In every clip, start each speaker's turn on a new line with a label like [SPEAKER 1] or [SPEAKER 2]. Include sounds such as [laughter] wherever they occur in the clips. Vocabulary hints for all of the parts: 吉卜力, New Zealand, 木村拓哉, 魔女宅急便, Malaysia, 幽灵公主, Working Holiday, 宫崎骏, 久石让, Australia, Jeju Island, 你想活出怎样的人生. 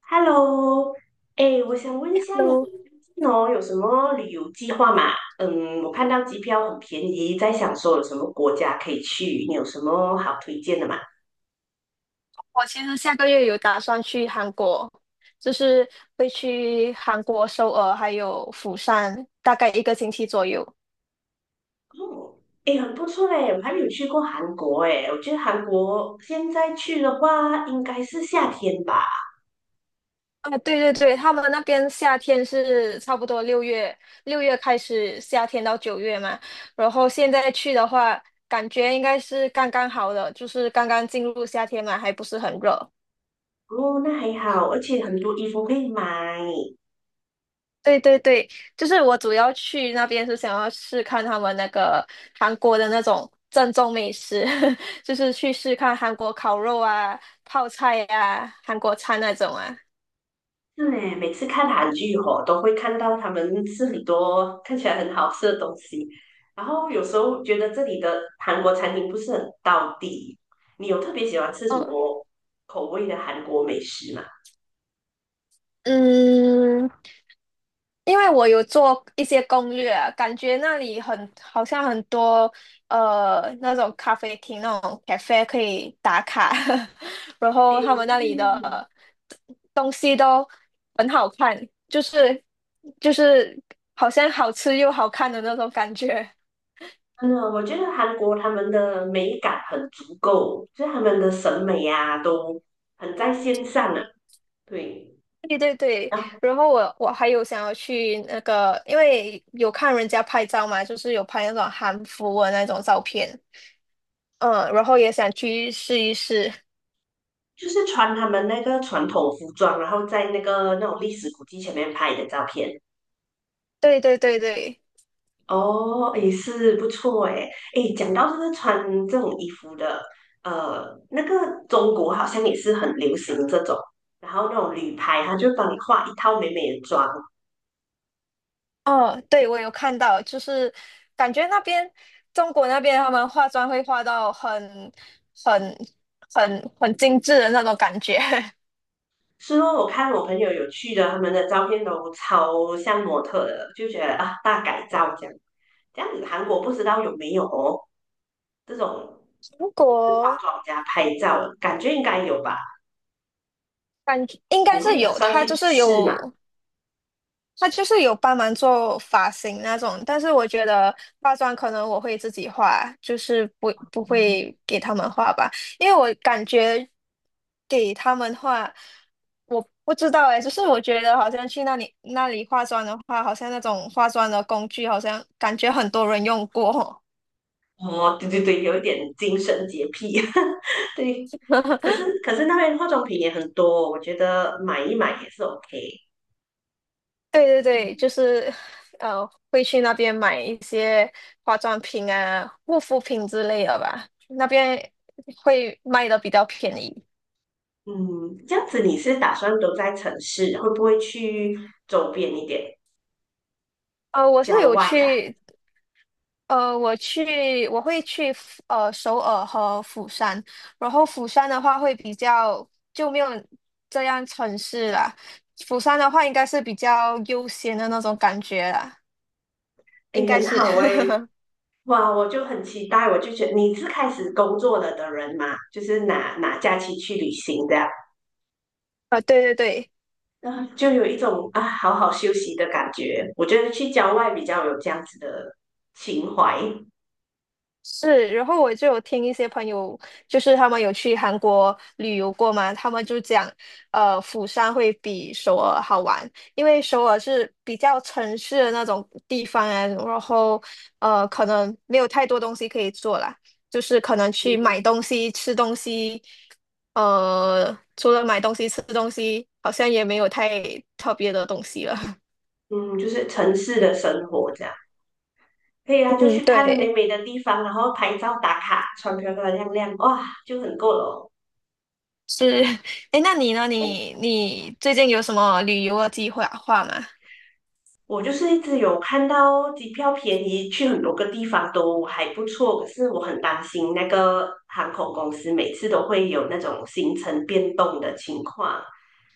[SPEAKER 1] Hello,哎，我想问一下你最
[SPEAKER 2] Hello，
[SPEAKER 1] 近有什么旅游计划吗？嗯，我看到机票很便宜，在想说有什么国家可以去，你有什么好推荐的吗？
[SPEAKER 2] 我其实下个月有打算去韩国，就是会去韩国首尔还有釜山，大概一个星期左右。
[SPEAKER 1] 哦，哎，很不错嘞，我还没有去过韩国哎，我觉得韩国现在去的话应该是夏天吧。
[SPEAKER 2] 啊，对对对，他们那边夏天是差不多六月，六月开始夏天到9月嘛。然后现在去的话，感觉应该是刚刚好的，就是刚刚进入夏天嘛，还不是很热。
[SPEAKER 1] 哦，那还好，而且很多衣服可以买。
[SPEAKER 2] 对对对，就是我主要去那边是想要试看他们那个韩国的那种正宗美食，[laughs] 就是去试看韩国烤肉啊、泡菜啊、韩国餐那种啊。
[SPEAKER 1] 是呢，每次看韩剧吼，都会看到他们吃很多看起来很好吃的东西，然后有时候觉得这里的韩国餐厅不是很到地。你有特别喜欢吃什
[SPEAKER 2] 嗯
[SPEAKER 1] 么口味的韩国美食吗？
[SPEAKER 2] 嗯，因为我有做一些攻略啊，感觉那里很好像很多那种咖啡厅那种 cafe 可以打卡，[laughs] 然后他
[SPEAKER 1] 诶，
[SPEAKER 2] 们那里
[SPEAKER 1] 是，
[SPEAKER 2] 的东西都很好看，就是就是好像好吃又好看的那种感觉。[laughs]
[SPEAKER 1] 嗯，我觉得韩国他们的美感很足够，就是他们的审美啊都很在线上啊。对，
[SPEAKER 2] 对对对，
[SPEAKER 1] 然后
[SPEAKER 2] 然后我还有想要去那个，因为有看人家拍照嘛，就是有拍那种韩服的那种照片，嗯，然后也想去试一试。
[SPEAKER 1] 就是穿他们那个传统服装，然后在那个那种历史古迹前面拍的照片。
[SPEAKER 2] 对对对对，
[SPEAKER 1] 哦，也是不错诶。诶，讲到这个穿这种衣服的，那个中国好像也是很流行这种，然后那种旅拍，他就帮你画一套美美的妆。
[SPEAKER 2] 哦，对，我有看到，就是感觉那边中国那边他们化妆会化到很很精致的那种感觉。[laughs]
[SPEAKER 1] 是哦，我看我朋友有去的，他们的照片都超像模特的，就觉得啊，大改造这样。这样子韩国不知道有没有哦，这种
[SPEAKER 2] 中
[SPEAKER 1] 就是化
[SPEAKER 2] 国
[SPEAKER 1] 妆加拍照，感觉应该有吧？
[SPEAKER 2] 感觉应该
[SPEAKER 1] 你
[SPEAKER 2] 是
[SPEAKER 1] 会打
[SPEAKER 2] 有，
[SPEAKER 1] 算
[SPEAKER 2] 它
[SPEAKER 1] 去
[SPEAKER 2] 就是
[SPEAKER 1] 试吗？
[SPEAKER 2] 有。他就是有帮忙做发型那种，但是我觉得化妆可能我会自己化，就是不会给他们画吧，因为我感觉给他们画，我不知道哎，就是我觉得好像去那里那里化妆的话，好像那种化妆的工具，好像感觉很多人用过。
[SPEAKER 1] 哦，对对对，有一点精神洁癖，[laughs] 对。可是那边化妆品也很多，我觉得买一买也是 OK。
[SPEAKER 2] [laughs] 对对对，
[SPEAKER 1] 嗯
[SPEAKER 2] 就是呃，会去那边买一些化妆品啊、护肤品之类的吧，那边会卖的比较便宜。
[SPEAKER 1] 嗯，这样子你是打算都在城市，会不会去周边一点
[SPEAKER 2] 我是
[SPEAKER 1] 郊
[SPEAKER 2] 有
[SPEAKER 1] 外啊？
[SPEAKER 2] 去，我去，我会去首尔和釜山，然后釜山的话会比较就没有这样城市啦，釜山的话应该是比较悠闲的那种感觉啦，应
[SPEAKER 1] 诶，
[SPEAKER 2] 该
[SPEAKER 1] 很
[SPEAKER 2] 是，
[SPEAKER 1] 好诶，
[SPEAKER 2] [laughs]
[SPEAKER 1] 哇，我就很期待，我就觉得你是开始工作了的人嘛，就是拿假期去旅行这样，
[SPEAKER 2] 对对对。
[SPEAKER 1] 啊，就有一种啊好好休息的感觉。我觉得去郊外比较有这样子的情怀。
[SPEAKER 2] 是，然后我就有听一些朋友，就是他们有去韩国旅游过嘛，他们就讲，釜山会比首尔好玩，因为首尔是比较城市的那种地方啊，然后可能没有太多东西可以做啦，就是可能去
[SPEAKER 1] 嗯
[SPEAKER 2] 买东西、吃东西，除了买东西、吃东西，好像也没有太特别的东西了。[laughs]
[SPEAKER 1] 嗯，就是城市的生活这样。可以啊，就
[SPEAKER 2] 嗯，
[SPEAKER 1] 去看美
[SPEAKER 2] 对。
[SPEAKER 1] 美的地方，然后拍照打卡，穿漂漂亮亮，哇，就很够了哦。
[SPEAKER 2] 是，[laughs] 哎，那你呢？你最近有什么旅游的计划吗？
[SPEAKER 1] 我就是一直有看到机票便宜，去很多个地方都还不错，可是我很担心那个航空公司每次都会有那种行程变动的情况。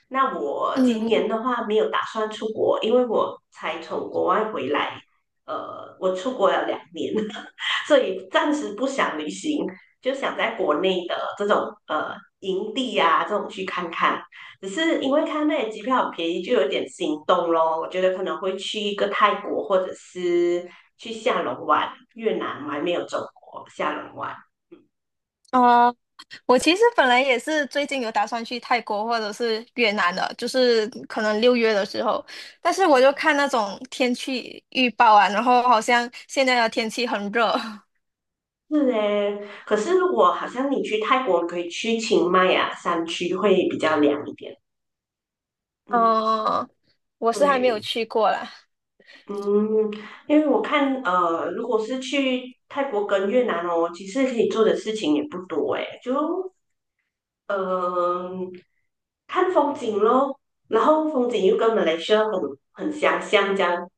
[SPEAKER 1] 那我今
[SPEAKER 2] 嗯，
[SPEAKER 1] 年的话没有打算出国，因为我才从国外回来，我出国了两年，[laughs] 所以暂时不想旅行，就想在国内的这种呃营地啊这种去看看。只是因为看那里机票很便宜，就有点心动咯。我觉得可能会去一个泰国，或者是去下龙湾、越南，我还没有走过下龙湾。
[SPEAKER 2] 哦，我其实本来也是最近有打算去泰国或者是越南的，就是可能六月的时候，但是我
[SPEAKER 1] 嗯，
[SPEAKER 2] 就看那种天气预报啊，然后好像现在的天气很热，
[SPEAKER 1] 是嘞。可是如果好像你去泰国，可以去清迈啊山区会比较凉一点。
[SPEAKER 2] [laughs]
[SPEAKER 1] 嗯，
[SPEAKER 2] 哦，我是还没有
[SPEAKER 1] 对。
[SPEAKER 2] 去过啦。
[SPEAKER 1] 嗯，因为我看，如果是去泰国跟越南哦，其实可以做的事情也不多诶，就嗯，看风景咯，然后风景又跟马来西亚很相像，这样，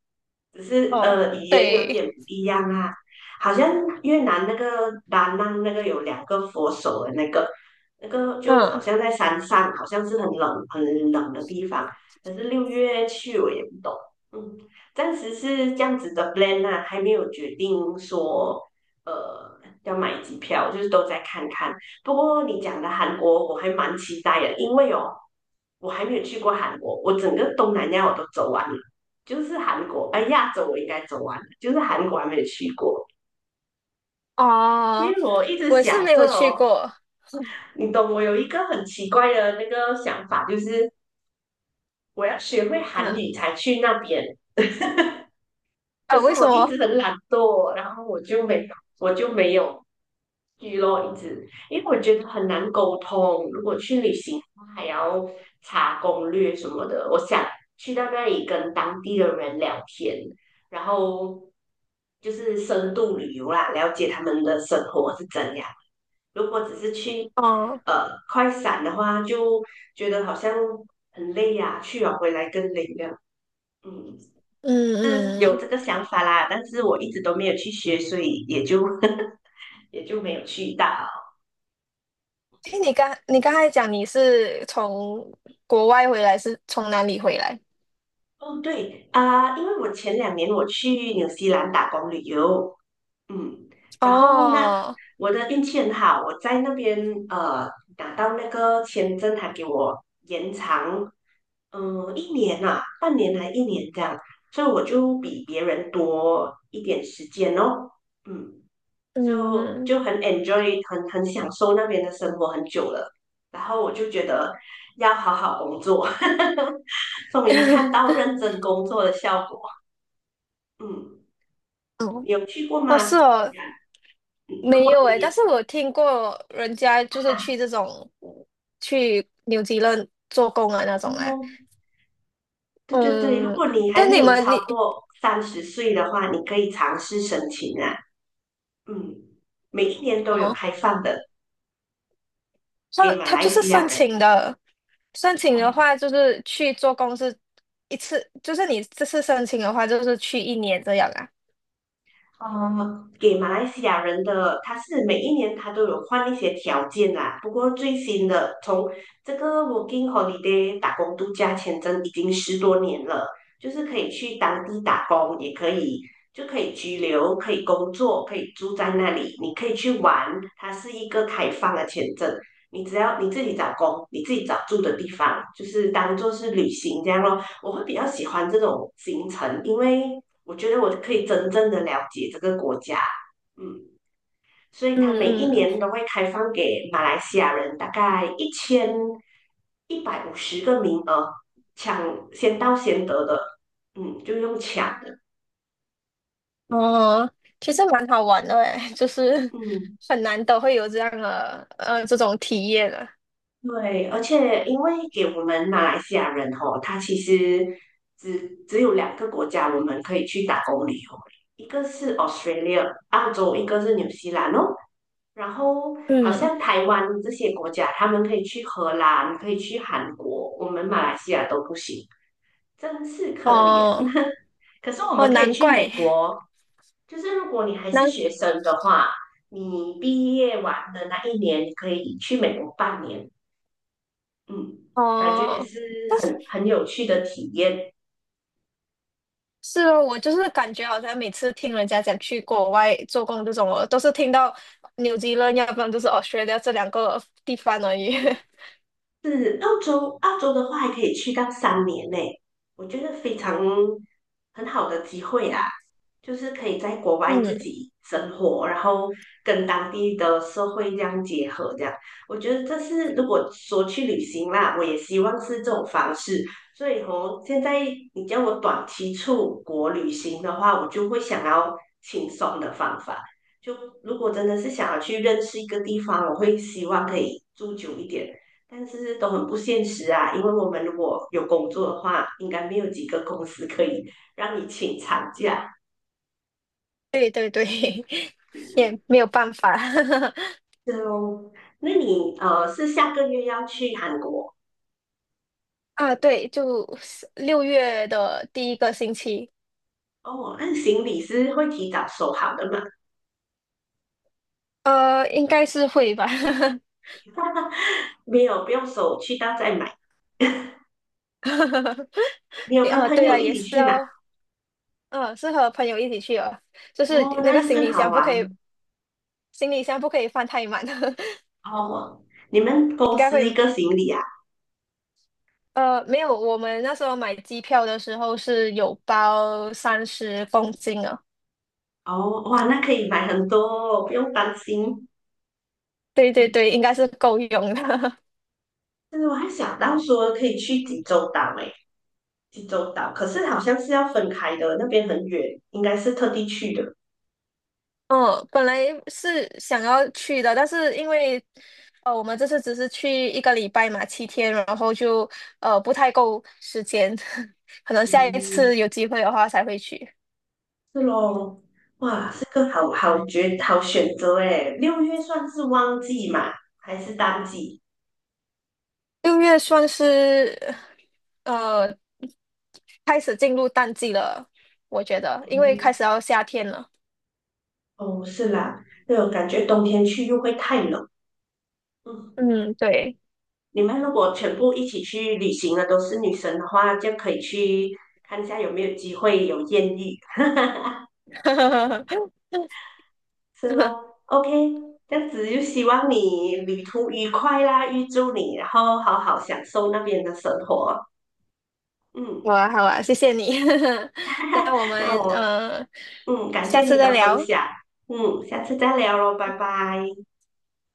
[SPEAKER 1] 只是
[SPEAKER 2] 哦，
[SPEAKER 1] 语言有
[SPEAKER 2] 对，
[SPEAKER 1] 点不一样啊。好像越南那个达 n 那个有两个佛手的那个，那个就好
[SPEAKER 2] 嗯，
[SPEAKER 1] 像在山上，好像是很冷很冷的地方。可是六月去我也不懂，嗯，暂时是这样子的 plan 啊，还没有决定说要买机票，就是都在看看。不过你讲的韩国我还蛮期待的，因为哦，我还没有去过韩国，我整个东南亚我都走完了，就是韩国，哎，亚洲我应该走完了，就是韩国还没有去过。因
[SPEAKER 2] 哦，
[SPEAKER 1] 为我一直
[SPEAKER 2] 我是
[SPEAKER 1] 想
[SPEAKER 2] 没有
[SPEAKER 1] 着
[SPEAKER 2] 去
[SPEAKER 1] 哦，
[SPEAKER 2] 过，
[SPEAKER 1] 你懂，我有一个很奇怪的那个想法，就是我要学会韩
[SPEAKER 2] 嗯，
[SPEAKER 1] 语才去那边。可
[SPEAKER 2] 啊，
[SPEAKER 1] 是
[SPEAKER 2] 为什
[SPEAKER 1] 我一直
[SPEAKER 2] 么？
[SPEAKER 1] 很懒惰，然后我就没有去咯，一直，因为我觉得很难沟通。如果去旅行，还要查攻略什么的，我想去到那里跟当地的人聊天，然后就是深度旅游啦，了解他们的生活是怎样。如果只是去
[SPEAKER 2] 哦，
[SPEAKER 1] 快闪的话，就觉得好像很累呀、去了回来更累这样。嗯。
[SPEAKER 2] 嗯
[SPEAKER 1] 有
[SPEAKER 2] 嗯。
[SPEAKER 1] 这个想法啦，但是我一直都没有去学，所以也就 [laughs] 也就没有去到。
[SPEAKER 2] 哎，你刚才讲你是从国外回来，是从哪里回来？
[SPEAKER 1] 哦，对啊，因为我前2年我去纽西兰打工旅游，嗯，然后那
[SPEAKER 2] 哦，
[SPEAKER 1] 我的运气很好，我在那边呃拿到那个签证，还给我延长，嗯、一年啊，半年还一年这样，所以我就比别人多一点时间哦，嗯。就
[SPEAKER 2] 嗯，
[SPEAKER 1] 就很 enjoy，很享受那边的生活很久了。然后我就觉得要好好工作，[laughs] 终于看到
[SPEAKER 2] [laughs]
[SPEAKER 1] 认真工作的效果。嗯，
[SPEAKER 2] 哦，
[SPEAKER 1] 你有去过
[SPEAKER 2] 哦，
[SPEAKER 1] 吗？嗯
[SPEAKER 2] 是哦，
[SPEAKER 1] 如
[SPEAKER 2] 没
[SPEAKER 1] 果
[SPEAKER 2] 有
[SPEAKER 1] 你
[SPEAKER 2] 诶，但
[SPEAKER 1] 年
[SPEAKER 2] 是我听过人家
[SPEAKER 1] 大
[SPEAKER 2] 就是去这种去纽西兰做工啊那种啊，
[SPEAKER 1] 哦，对对对，如
[SPEAKER 2] 嗯，
[SPEAKER 1] 果你还
[SPEAKER 2] 但
[SPEAKER 1] 没
[SPEAKER 2] 你
[SPEAKER 1] 有
[SPEAKER 2] 们
[SPEAKER 1] 超
[SPEAKER 2] 你
[SPEAKER 1] 过30岁的话，你可以尝试申请啊。嗯，每一年都有
[SPEAKER 2] 哦，
[SPEAKER 1] 开放的
[SPEAKER 2] 他
[SPEAKER 1] 给马
[SPEAKER 2] 他就
[SPEAKER 1] 来
[SPEAKER 2] 是
[SPEAKER 1] 西亚
[SPEAKER 2] 申
[SPEAKER 1] 人。
[SPEAKER 2] 请的，申请的话就是去做工是一次，就是你这次申请的话就是去一年这样啊，
[SPEAKER 1] 呃，给马来西亚人的，他是每一年他都有换一些条件啦。不过最新的，从这个 Working Holiday 打工度假签证已经10多年了，就是可以去当地打工，也可以就可以居留，可以工作，可以住在那里，你可以去玩。它是一个开放的签证，你只要你自己找工，你自己找住的地方，就是当做是旅行这样咯。我会比较喜欢这种行程，因为我觉得我可以真正的了解这个国家，嗯，所以它每一
[SPEAKER 2] 嗯嗯
[SPEAKER 1] 年都会开放给马来西亚人大概1150个名额，抢先到先得的，嗯，就用抢的，
[SPEAKER 2] 哦，其实蛮好玩的诶，[laughs] 就是
[SPEAKER 1] 嗯，
[SPEAKER 2] 很难得会有这样的这种体验的。
[SPEAKER 1] 对，而且因为给我们马来西亚人哦，他其实只有2个国家我们可以去打工旅游，一个是 Australia 澳洲，一个是纽西兰哦。然后好
[SPEAKER 2] 嗯，
[SPEAKER 1] 像台湾这些国家，他们可以去荷兰，可以去韩国，我们马来西亚都不行，真是可怜。
[SPEAKER 2] 哦
[SPEAKER 1] [laughs] 可是我
[SPEAKER 2] 哦，
[SPEAKER 1] 们可以
[SPEAKER 2] 难
[SPEAKER 1] 去美
[SPEAKER 2] 怪
[SPEAKER 1] 国，就是如果你还是
[SPEAKER 2] 难
[SPEAKER 1] 学生的话，你毕业完的那一年，你可以去美国半年，嗯，感觉也
[SPEAKER 2] 哦，
[SPEAKER 1] 是
[SPEAKER 2] 但是
[SPEAKER 1] 很有趣的体验。
[SPEAKER 2] 是哦，我就是感觉好像每次听人家讲去国外做工这种，我都是听到纽西兰，要不然就是 Australia 这两个地方而已。
[SPEAKER 1] 是澳洲，澳洲的话还可以去到3年呢，我觉得非常很好的机会啦，就是可以在国
[SPEAKER 2] [laughs]
[SPEAKER 1] 外自
[SPEAKER 2] 嗯，
[SPEAKER 1] 己生活，然后跟当地的社会这样结合，这样我觉得这是如果说去旅行啦，我也希望是这种方式。所以哦，现在你叫我短期出国旅行的话，我就会想要轻松的方法。就如果真的是想要去认识一个地方，我会希望可以住久一点。但是都很不现实啊，因为我们如果有工作的话，应该没有几个公司可以让你请长假。
[SPEAKER 2] 对对对，[laughs] 也没有办法
[SPEAKER 1] 哦。那你是下个月要去韩国
[SPEAKER 2] [laughs] 啊。对，就六月的第一个星期。
[SPEAKER 1] 哦？那行李是会提早收好的吗？
[SPEAKER 2] 应该是会吧。
[SPEAKER 1] 没有，不用收，去到再买。
[SPEAKER 2] [laughs]
[SPEAKER 1] 你有跟
[SPEAKER 2] 啊，
[SPEAKER 1] 朋
[SPEAKER 2] 对
[SPEAKER 1] 友
[SPEAKER 2] 啊，
[SPEAKER 1] 一
[SPEAKER 2] 也
[SPEAKER 1] 起
[SPEAKER 2] 是
[SPEAKER 1] 去吗？
[SPEAKER 2] 哦。嗯，是和朋友一起去哦，就是
[SPEAKER 1] 哦，
[SPEAKER 2] 那
[SPEAKER 1] 那
[SPEAKER 2] 个
[SPEAKER 1] 就
[SPEAKER 2] 行
[SPEAKER 1] 更
[SPEAKER 2] 李
[SPEAKER 1] 好
[SPEAKER 2] 箱不可以，
[SPEAKER 1] 玩
[SPEAKER 2] 行李箱不可以放太满，
[SPEAKER 1] 哦。你们
[SPEAKER 2] [laughs]
[SPEAKER 1] 公
[SPEAKER 2] 应该
[SPEAKER 1] 司
[SPEAKER 2] 会，
[SPEAKER 1] 一个行李啊？
[SPEAKER 2] 没有，我们那时候买机票的时候是有包30公斤哦，
[SPEAKER 1] 哦，哇，那可以买很多哦，不用担心。
[SPEAKER 2] 对对
[SPEAKER 1] 嗯，
[SPEAKER 2] 对，应该是够用的。
[SPEAKER 1] 但是我还想到说可以去济州岛诶，济州岛，可是好像是要分开的，那边很远，应该是特地去的。
[SPEAKER 2] 嗯，本来是想要去的，但是因为我们这次只是去一个礼拜嘛，7天，然后就不太够时间，[laughs] 可能下一
[SPEAKER 1] 嗯，
[SPEAKER 2] 次有机会的话才会去。
[SPEAKER 1] 是咯，哇，是个好好绝好选择诶。六月算是旺季嘛，还是淡季？
[SPEAKER 2] 六月算是呃开始进入淡季了，我觉得，因为开
[SPEAKER 1] 嗯，
[SPEAKER 2] 始要夏天了。
[SPEAKER 1] 哦，是啦，对哦，我感觉冬天去又会太冷。嗯，
[SPEAKER 2] 嗯，对。
[SPEAKER 1] 你们如果全部一起去旅行的都是女生的话，就可以去看一下有没有机会有艳遇。
[SPEAKER 2] [laughs]
[SPEAKER 1] 是咯，OK，这样子就希望你旅途愉快啦，预祝你，然后好好享受那边的生活。嗯，
[SPEAKER 2] 好啊，好啊，谢谢你。[laughs] 那我
[SPEAKER 1] 那
[SPEAKER 2] 们
[SPEAKER 1] 我感
[SPEAKER 2] 下
[SPEAKER 1] 谢
[SPEAKER 2] 次
[SPEAKER 1] 你
[SPEAKER 2] 再
[SPEAKER 1] 的分
[SPEAKER 2] 聊。
[SPEAKER 1] 享，嗯，下次再聊喽，拜拜。